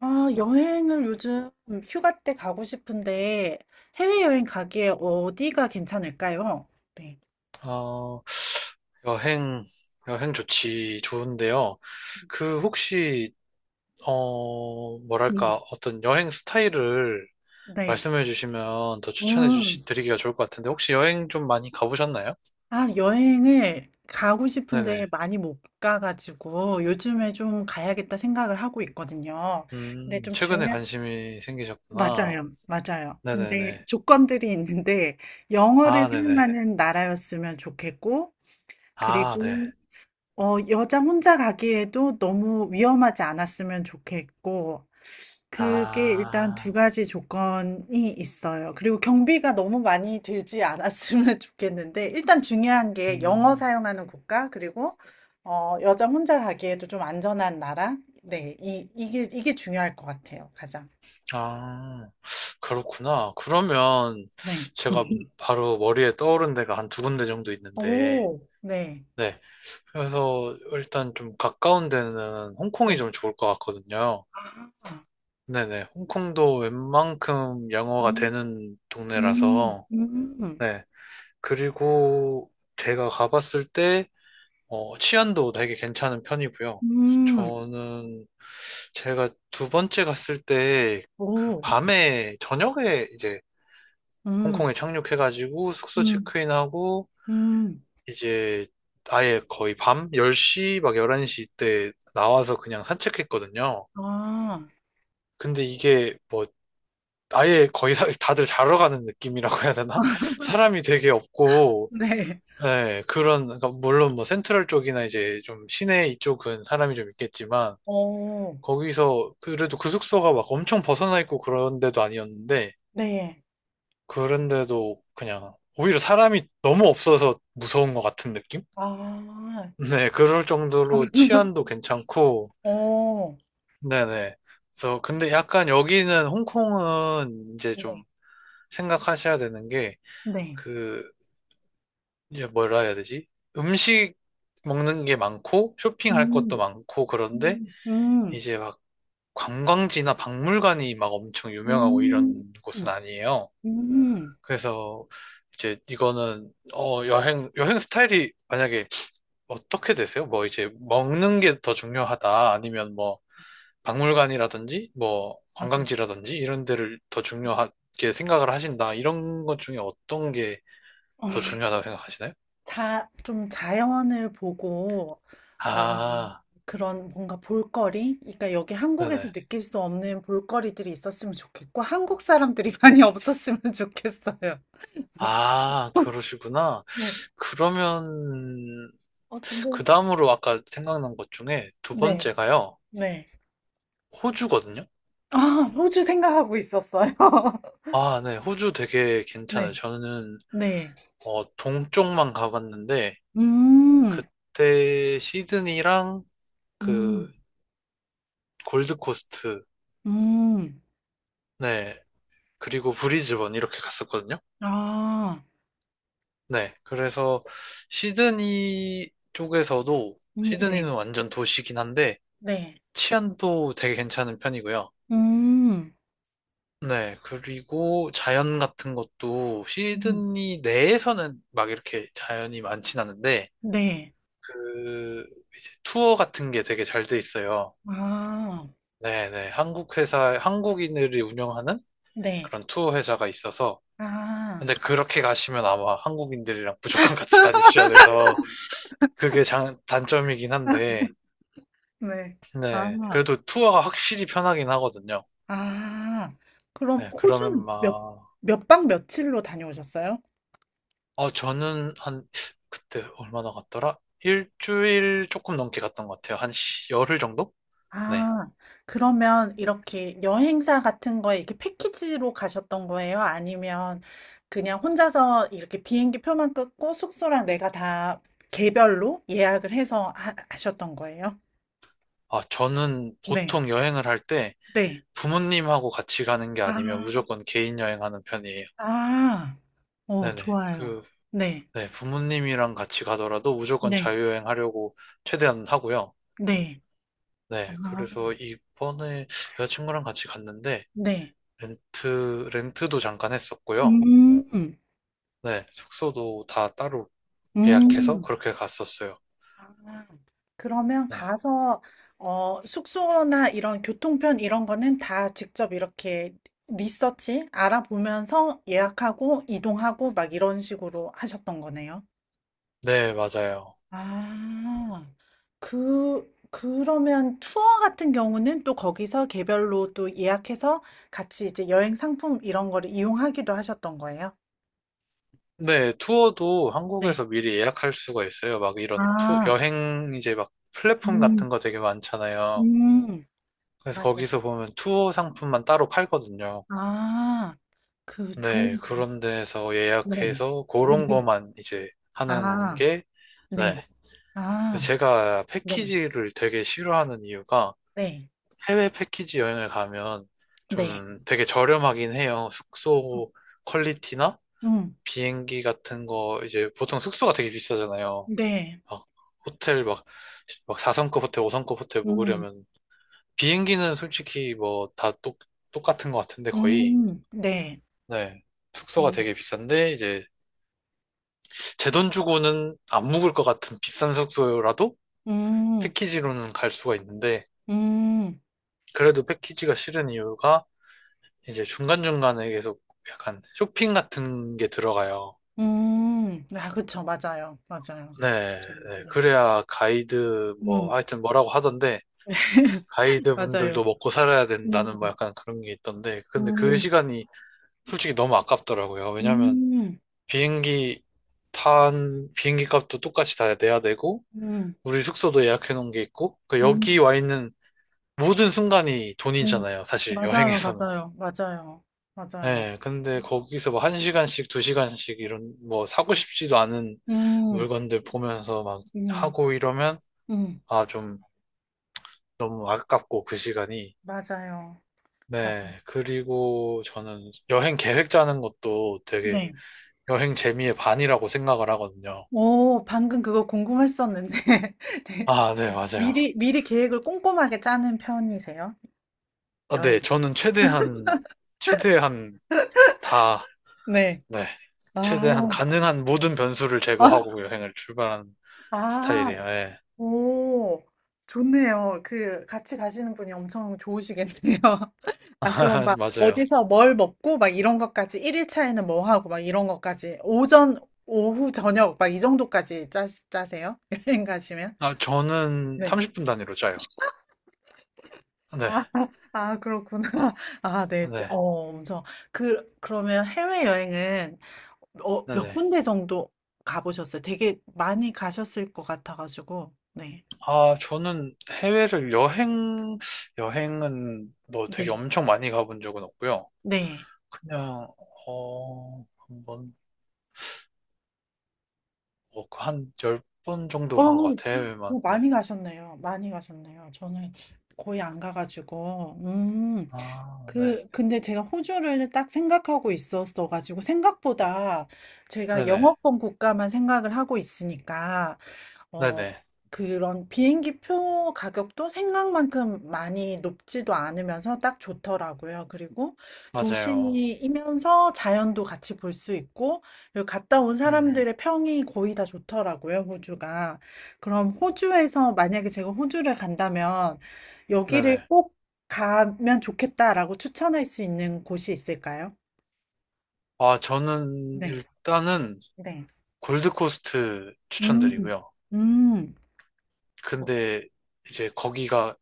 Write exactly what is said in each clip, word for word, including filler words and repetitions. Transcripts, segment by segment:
아, 여행을 요즘 휴가 때 가고 싶은데 해외여행 가기에 어디가 괜찮을까요? 네. 어, 여행, 여행 좋지, 좋은데요. 그, 혹시, 어, 뭐랄까, 음. 어떤 여행 스타일을 네. 말씀해 주시면 더 추천해 음. 주시, 드리기가 좋을 것 같은데, 혹시 여행 좀 많이 가보셨나요? 아, 여행을 가고 싶은데 네네. 많이 못 가가지고 요즘에 좀 가야겠다 생각을 하고 있거든요. 근데 음, 좀 최근에 중요한, 관심이 생기셨구나. 맞아요. 맞아요. 근데 네네네. 조건들이 있는데 영어를 아, 네네. 사용하는 나라였으면 좋겠고, 아, 네. 그리고 어, 여자 혼자 가기에도 너무 위험하지 않았으면 좋겠고, 그게 일단 두 아, 가지 조건이 있어요. 그리고 경비가 너무 많이 들지 않았으면 좋겠는데, 일단 중요한 게 음, 영어 사용하는 국가, 그리고, 어, 여자 혼자 가기에도 좀 안전한 나라. 네, 이, 이게, 이게 중요할 것 같아요, 가장. 아, 그렇구나. 그러면 네. 제가 바로 머리에 떠오른 데가 한 두 군데 정도 있는데, 오, 네. 네. 그래서 일단 좀 가까운 데는 홍콩이 네. 좀 좋을 것 같거든요. 아, 네네. 홍콩도 웬만큼 영어가 음, 되는 음, 동네라서, 음, 네. 그리고 제가 가봤을 때, 어, 치안도 되게 괜찮은 편이고요. 음, 저는 제가 두 번째 갔을 때, 그 오, 밤에, 저녁에 이제 음, 홍콩에 착륙해가지고 숙소 음, 체크인하고, 음, 이제 아예 거의 밤 열 시 막 열한 시 때 나와서 그냥 산책했거든요. 아, 근데 이게 뭐 아예 거의 사- 다들 자러 가는 느낌이라고 해야 되나? 사람이 되게 없고 네. 예, 그런 그러니까 물론 뭐 센트럴 쪽이나 이제 좀 시내 이쪽은 사람이 좀 있겠지만 오, 거기서 그래도 그 숙소가 막 엄청 벗어나 있고 그런 데도 아니었는데 네. 그런데도 그냥 오히려 사람이 너무 없어서 무서운 것 같은 느낌? 아. 네, 그럴 정도로 치안도 괜찮고 어. 네네. 그래서 근데 약간 여기는 홍콩은 이제 좀 네. 생각하셔야 되는 게 네. 그 이제 뭐라 해야 되지? 음식 먹는 게 많고 쇼핑할 음. 것도 많고 그런데 음. 음. 이제 막 관광지나 박물관이 막 엄청 유명하고 이런 음. 곳은 아니에요. 음. 그래서 이제 이거는 어 여행 여행 스타일이 만약에 어떻게 되세요? 뭐 이제 먹는 게 더 중요하다 아니면 뭐 박물관이라든지 뭐 맞아요. 관광지라든지 이런 데를 더 맞아요. 중요하게 생각을 하신다. 이런 것 중에 어떤 게 더 중요하다고 생각하시나요? 자, 좀 자연을 보고 어, 아, 그런 뭔가 볼거리? 그러니까 여기 한국에서 네네. 느낄 수 없는 볼거리들이 있었으면 좋겠고 한국 사람들이 많이 없었으면 좋겠어요. 아, 그러시구나. 네. 그러면 어, 근데 그 다음으로 아까 생각난 것 중에 두 네. 번째가요. 네. 호주거든요. 아, 호주 생각하고 있었어요. 아, 네. 호주 되게 괜찮아요. 네. 저는 네. 어, 동쪽만 가봤는데 음. 그때 시드니랑 그 음. 골드코스트, 음. 네. 그리고 브리즈번 이렇게 갔었거든요. 아. 네. 그래서 시드니 쪽에서도 음 네. 시드니는 완전 도시긴 한데 네. 치안도 되게 괜찮은 편이고요. 음. 네. 그리고 자연 같은 것도 음. 시드니 내에서는 막 이렇게 자연이 많진 않은데 네. 그 이제 투어 같은 게 되게 잘 돼 있어요. 아. 네네. 한국 회사, 한국인들이 운영하는 네. 그런 투어 회사가 있어서 아. 근데 그렇게 가시면 아마 한국인들이랑 무조건 같이 다니셔야 돼서 그게 장, 단점이긴 한데 네. 아. 네. 그래도 투어가 확실히 편하긴 하거든요. 아. 그럼 네. 그러면 호주는 몇, 막, 몇 박 며칠로 다녀오셨어요? 어, 저는 한, 그때 얼마나 갔더라? 일주일 조금 넘게 갔던 것 같아요. 한 시- 열흘 정도? 네. 아. 그러면 이렇게 여행사 같은 거에 이렇게 패키지로 가셨던 거예요? 아니면 그냥 혼자서 이렇게 비행기 표만 끊고 숙소랑 내가 다 개별로 예약을 해서 하, 하셨던 거예요? 아, 저는 네. 보통 여행을 할 때 네. 부모님하고 같이 가는 게 아니면 아, 무조건 개인 여행하는 편이에요. 아, 어, 네네. 좋아요. 그, 네, 네. 부모님이랑 같이 가더라도 무조건 네, 자유여행 하려고 최대한 하고요. 네, 아, 네. 그래서 이번에 여자친구랑 같이 갔는데 네. 렌트, 렌트도 잠깐 했었고요. 음, 네, 숙소도 다 따로 예약해서 음. 그렇게 갔었어요. 아, 그러면 네, 가서, 어, 숙소나 이런 교통편 이런 거는 다 직접 이렇게 리서치 알아보면서 예약하고 이동하고 막 이런 식으로 하셨던 거네요. 네, 맞아요. 아, 그 그러면 투어 같은 경우는 또 거기서 개별로 또 예약해서 같이 이제 여행 상품 이런 거를 이용하기도 하셨던 거예요? 네, 투어도 네. 한국에서 미리 예약할 수가 있어요. 막 이런 투, 아, 여행 이제 막 플랫폼 같은 음, 거 되게 많잖아요. 음, 그래서 맞아요. 거기서 보면 투어 상품만 따로 팔거든요. 아, 그 좋은, 네, 그런 데서 네. 예약해서 그런 거만 이제 하는 아, 게, 네. 네. 아, 제가 네. 패키지를 되게 싫어하는 이유가 네. 해외 패키지 여행을 가면 네. 좀 되게 저렴하긴 해요. 숙소 퀄리티나 음, 비행기 같은 거, 이제 보통 숙소가 되게 비싸잖아요. 네. 막 호텔 막, 막 사 성급 호텔, 오 성급 호텔 음, 묵으려면 비행기는 솔직히 뭐 다 똑, 똑같은 것 같은데 거의. 음, 네. 네. 숙소가 음, 되게 비싼데 이제 제 돈 주고는 안 묵을 것 같은 비싼 숙소라도 음, 패키지로는 갈 수가 있는데 음, 그래도 패키지가 싫은 이유가 이제 중간중간에 계속 약간 쇼핑 같은 게 들어가요. 음. 아, 그쵸. 맞아요. 맞아요. 네, 좀, 네. 네. 그래야 가이드 음. 뭐 하여튼 뭐라고 하던데 가이드 맞아요. 분들도 먹고 살아야 음, 된다는 뭐 약간 그런 게 있던데 근데 그 음, 시간이 솔직히 너무 아깝더라고요. 왜냐면 음, 비행기 탄 비행기 값도 똑같이 다 내야 되고 음, 우리 숙소도 예약해 놓은 게 있고 그 여기 음, 와 있는 모든 순간이 음. 돈이잖아요. 사실 맞아요, 여행에서는. 맞아요, 맞아요, 맞아요, 예, 근데 거기서 뭐 한 시간씩, 두 시간씩 이런 뭐 사고 싶지도 않은 음, 물건들 보면서 막 음, 하고 이러면 음. 아, 좀 너무 아깝고 그 시간이. 맞아요. 맞- 네, 그리고 저는 여행 계획 짜는 것도 되게 네. 여행 재미의 반이라고 생각을 하거든요. 오, 방금 그거 궁금했었는데. 네. 아, 네, 맞아요. 미리, 미리 계획을 꼼꼼하게 짜는 편이세요? 아, 여행. 네, 저는 최대한, 최대한 다, 네. 네, 아, 최대한 가능한 모든 변수를 아, 제거하고 여행을 출발하는 아, 스타일이에요. 예, 오, 좋네요. 그, 같이 가시는 분이 엄청 좋으시겠네요. 아, 그럼 막, 맞아요. 어디서 뭘 먹고, 막 이런 것까지, 일 일 차에는 뭐 하고, 막 이런 것까지, 오전, 오후, 저녁, 막 이 정도까지 짜, 짜세요? 여행 가시면? 아, 저는 네. 삼십 분 단위로 짜요. 아, 네, 아, 그렇구나. 아, 네. 어, 네, 엄청. 그, 그러면 해외여행은, 어, 네, 몇 네. 군데 정도 가보셨어요? 되게 많이 가셨을 것 같아가지고, 네. 아, 저는 해외를 여행, 여행은 뭐 되게 네. 엄청 많이 가본 적은 없고요. 네. 그냥, 어, 한 번, 뭐, 그 한열 번 정도 어, 간 것 어, 같아요, 해외만. 네. 많이 가셨네요. 많이 가셨네요. 저는 거의 안 가가지고, 음, 아, 네, 그, 근데 제가 호주를 딱 생각하고 있었어가지고, 생각보다 제가 네네, 영어권 국가만 생각을 하고 있으니까, 어, 네네, 그런 비행기 표 가격도 생각만큼 많이 높지도 않으면서 딱 좋더라고요. 그리고 맞아요. 도시이면서 자연도 같이 볼 수 있고, 그리고 갔다 온 음, 사람들의 평이 거의 다 좋더라고요, 호주가. 그럼 호주에서 만약에 제가 호주를 간다면 여기를 네네. 꼭 가면 좋겠다라고 추천할 수 있는 곳이 있을까요? 아, 저는 네, 일단은 네. 골드코스트 음, 추천드리고요. 음, 근데 이제 거기가,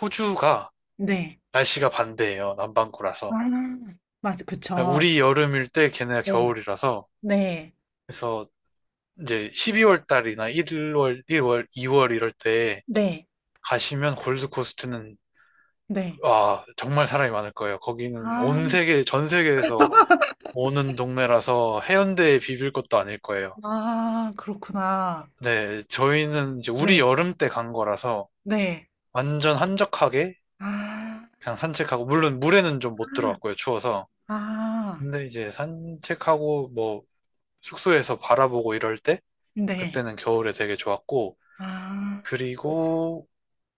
호주가 네. 날씨가 반대예요. 아, 남반구라서. 맞아, 아, 그쵸. 우리 여름일 때 걔네가 네. 겨울이라서. 네. 그래서 이제 십이 월 달이나 일 월 일 월, 이 월 이럴 때 네. 가시면 골드코스트는 네. 아, 정말 사람이 많을 거예요. 거기는 온 아. 세계, 전 세계에서 오는 동네라서 해운대에 비빌 것도 아닐 거예요. 아 그렇구나. 네, 저희는 이제 우리 네. 여름 때 간 거라서 네. 완전 한적하게 아. 그냥 산책하고, 물론 물에는 좀 못 들어갔고요, 추워서. 아. 근데 이제 산책하고 뭐 숙소에서 바라보고 이럴 때 네. 그때는 겨울에 되게 좋았고, 아. 그리고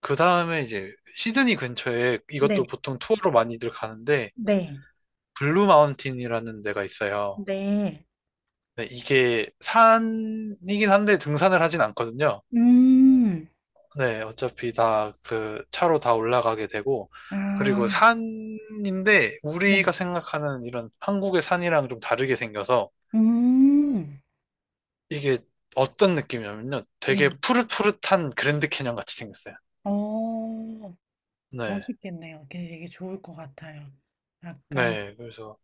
그 다음에 이제 시드니 근처에 네. 이것도 보통 투어로 많이들 가는데, 네. 블루 마운틴이라는 데가 있어요. 네. 네, 이게 산이긴 한데 등산을 하진 않거든요. 음. 네, 어차피 다 그 차로 다 올라가게 되고, 아. 그리고 산인데 우리가 네. 생각하는 이런 한국의 산이랑 좀 다르게 생겨서 음. 이게 어떤 느낌이냐면요. 되게 음. 푸릇푸릇한 그랜드 캐년 같이 생겼어요. 어. 네. 멋있겠네요. 되게 되게 좋을 것 같아요. 약간 네, 그래서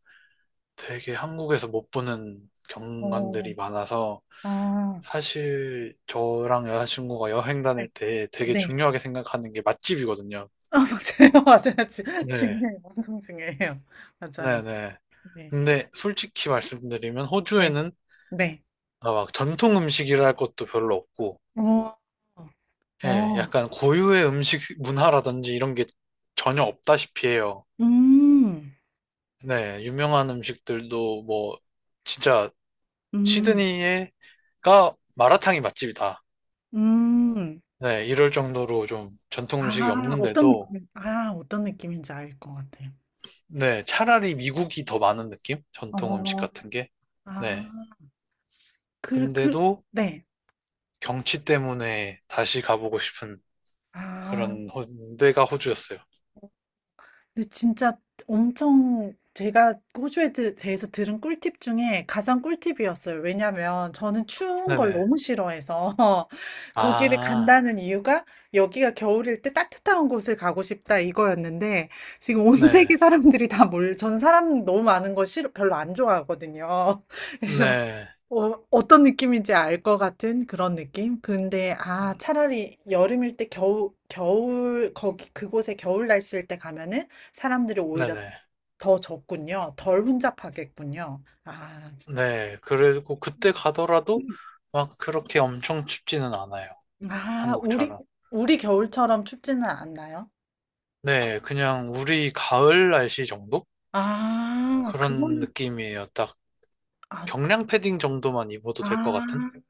되게 한국에서 못 보는 어. 경관들이 많아서 아. 사실 저랑 여자친구가 여행 네. 다닐 때 되게 네. 중요하게 생각하는 게 맛집이거든요. 아 맞아요. 맞아요. 주 네, 중요해요. 엄청 중요해요. 맞아요. 네네. 네. 근데 솔직히 말씀드리면 네. 호주에는 네. 아, 막 전통 음식이랄 것도 별로 없고, 어, 예, 어, 약간 고유의 음식 문화라든지 이런 게 전혀 없다시피 해요. 음, 네, 유명한 음식들도 뭐 진짜 음, 시드니에가 마라탕이 맛집이다. 음, 네, 이럴 정도로 좀 전통 음식이 아, 어떤 없는데도, 느낌, 아, 어떤 느낌인지 알 것 같아요. 네, 차라리 미국이 더 많은 느낌? 전통 음식 어, 같은 게. 아, 네. 그, 그, 근데도 네. 경치 때문에 다시 가보고 싶은 아. 그런 호, 데가 호주였어요. 근데 진짜 엄청 제가 호주에 대- 대해서 들은 꿀팁 중에 가장 꿀팁이었어요. 왜냐면 저는 추운 걸 네네. 너무 싫어해서 거기를 아, 간다는 이유가 여기가 겨울일 때 따뜻한 곳을 가고 싶다 이거였는데 지금 온 네. 세계 사람들이 다 몰, 전 사람 너무 많은 거 싫어, 별로 안 좋아하거든요. 그래서 네. 어, 어떤 느낌인지 알 것 같은 그런 느낌? 근데, 아, 음, 차라리 여름일 때 겨울, 겨울, 거기, 그곳에 겨울 날씨일 때 가면은 사람들이 오히려 네네. 더 적군요. 덜 혼잡하겠군요. 아, 네. 그리고 그때 가더라도 막 그렇게 엄청 춥지는 않아요. 아, 우리, 한국처럼. 우리 겨울처럼 춥지는 않나요? 네. 그냥 우리 가을 날씨 정도? 아, 그런 그거는, 느낌이에요. 딱 아, 경량 패딩 정도만 입어도 될 것 같은? 아.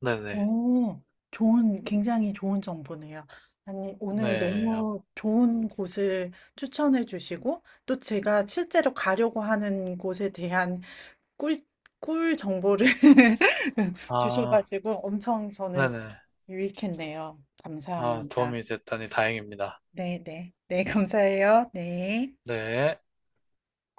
네네. 오, 좋은, 굉장히 좋은 정보네요. 아니, 오늘 네. 너무 좋은 곳을 추천해 주시고, 또 제가 실제로 가려고 하는 곳에 대한 꿀, 꿀 정보를 아, 주셔가지고 엄청 저는 네네. 유익했네요. 아, 감사합니다. 도움이 됐다니 다행입니다. 네, 네. 네, 감사해요. 네. 네.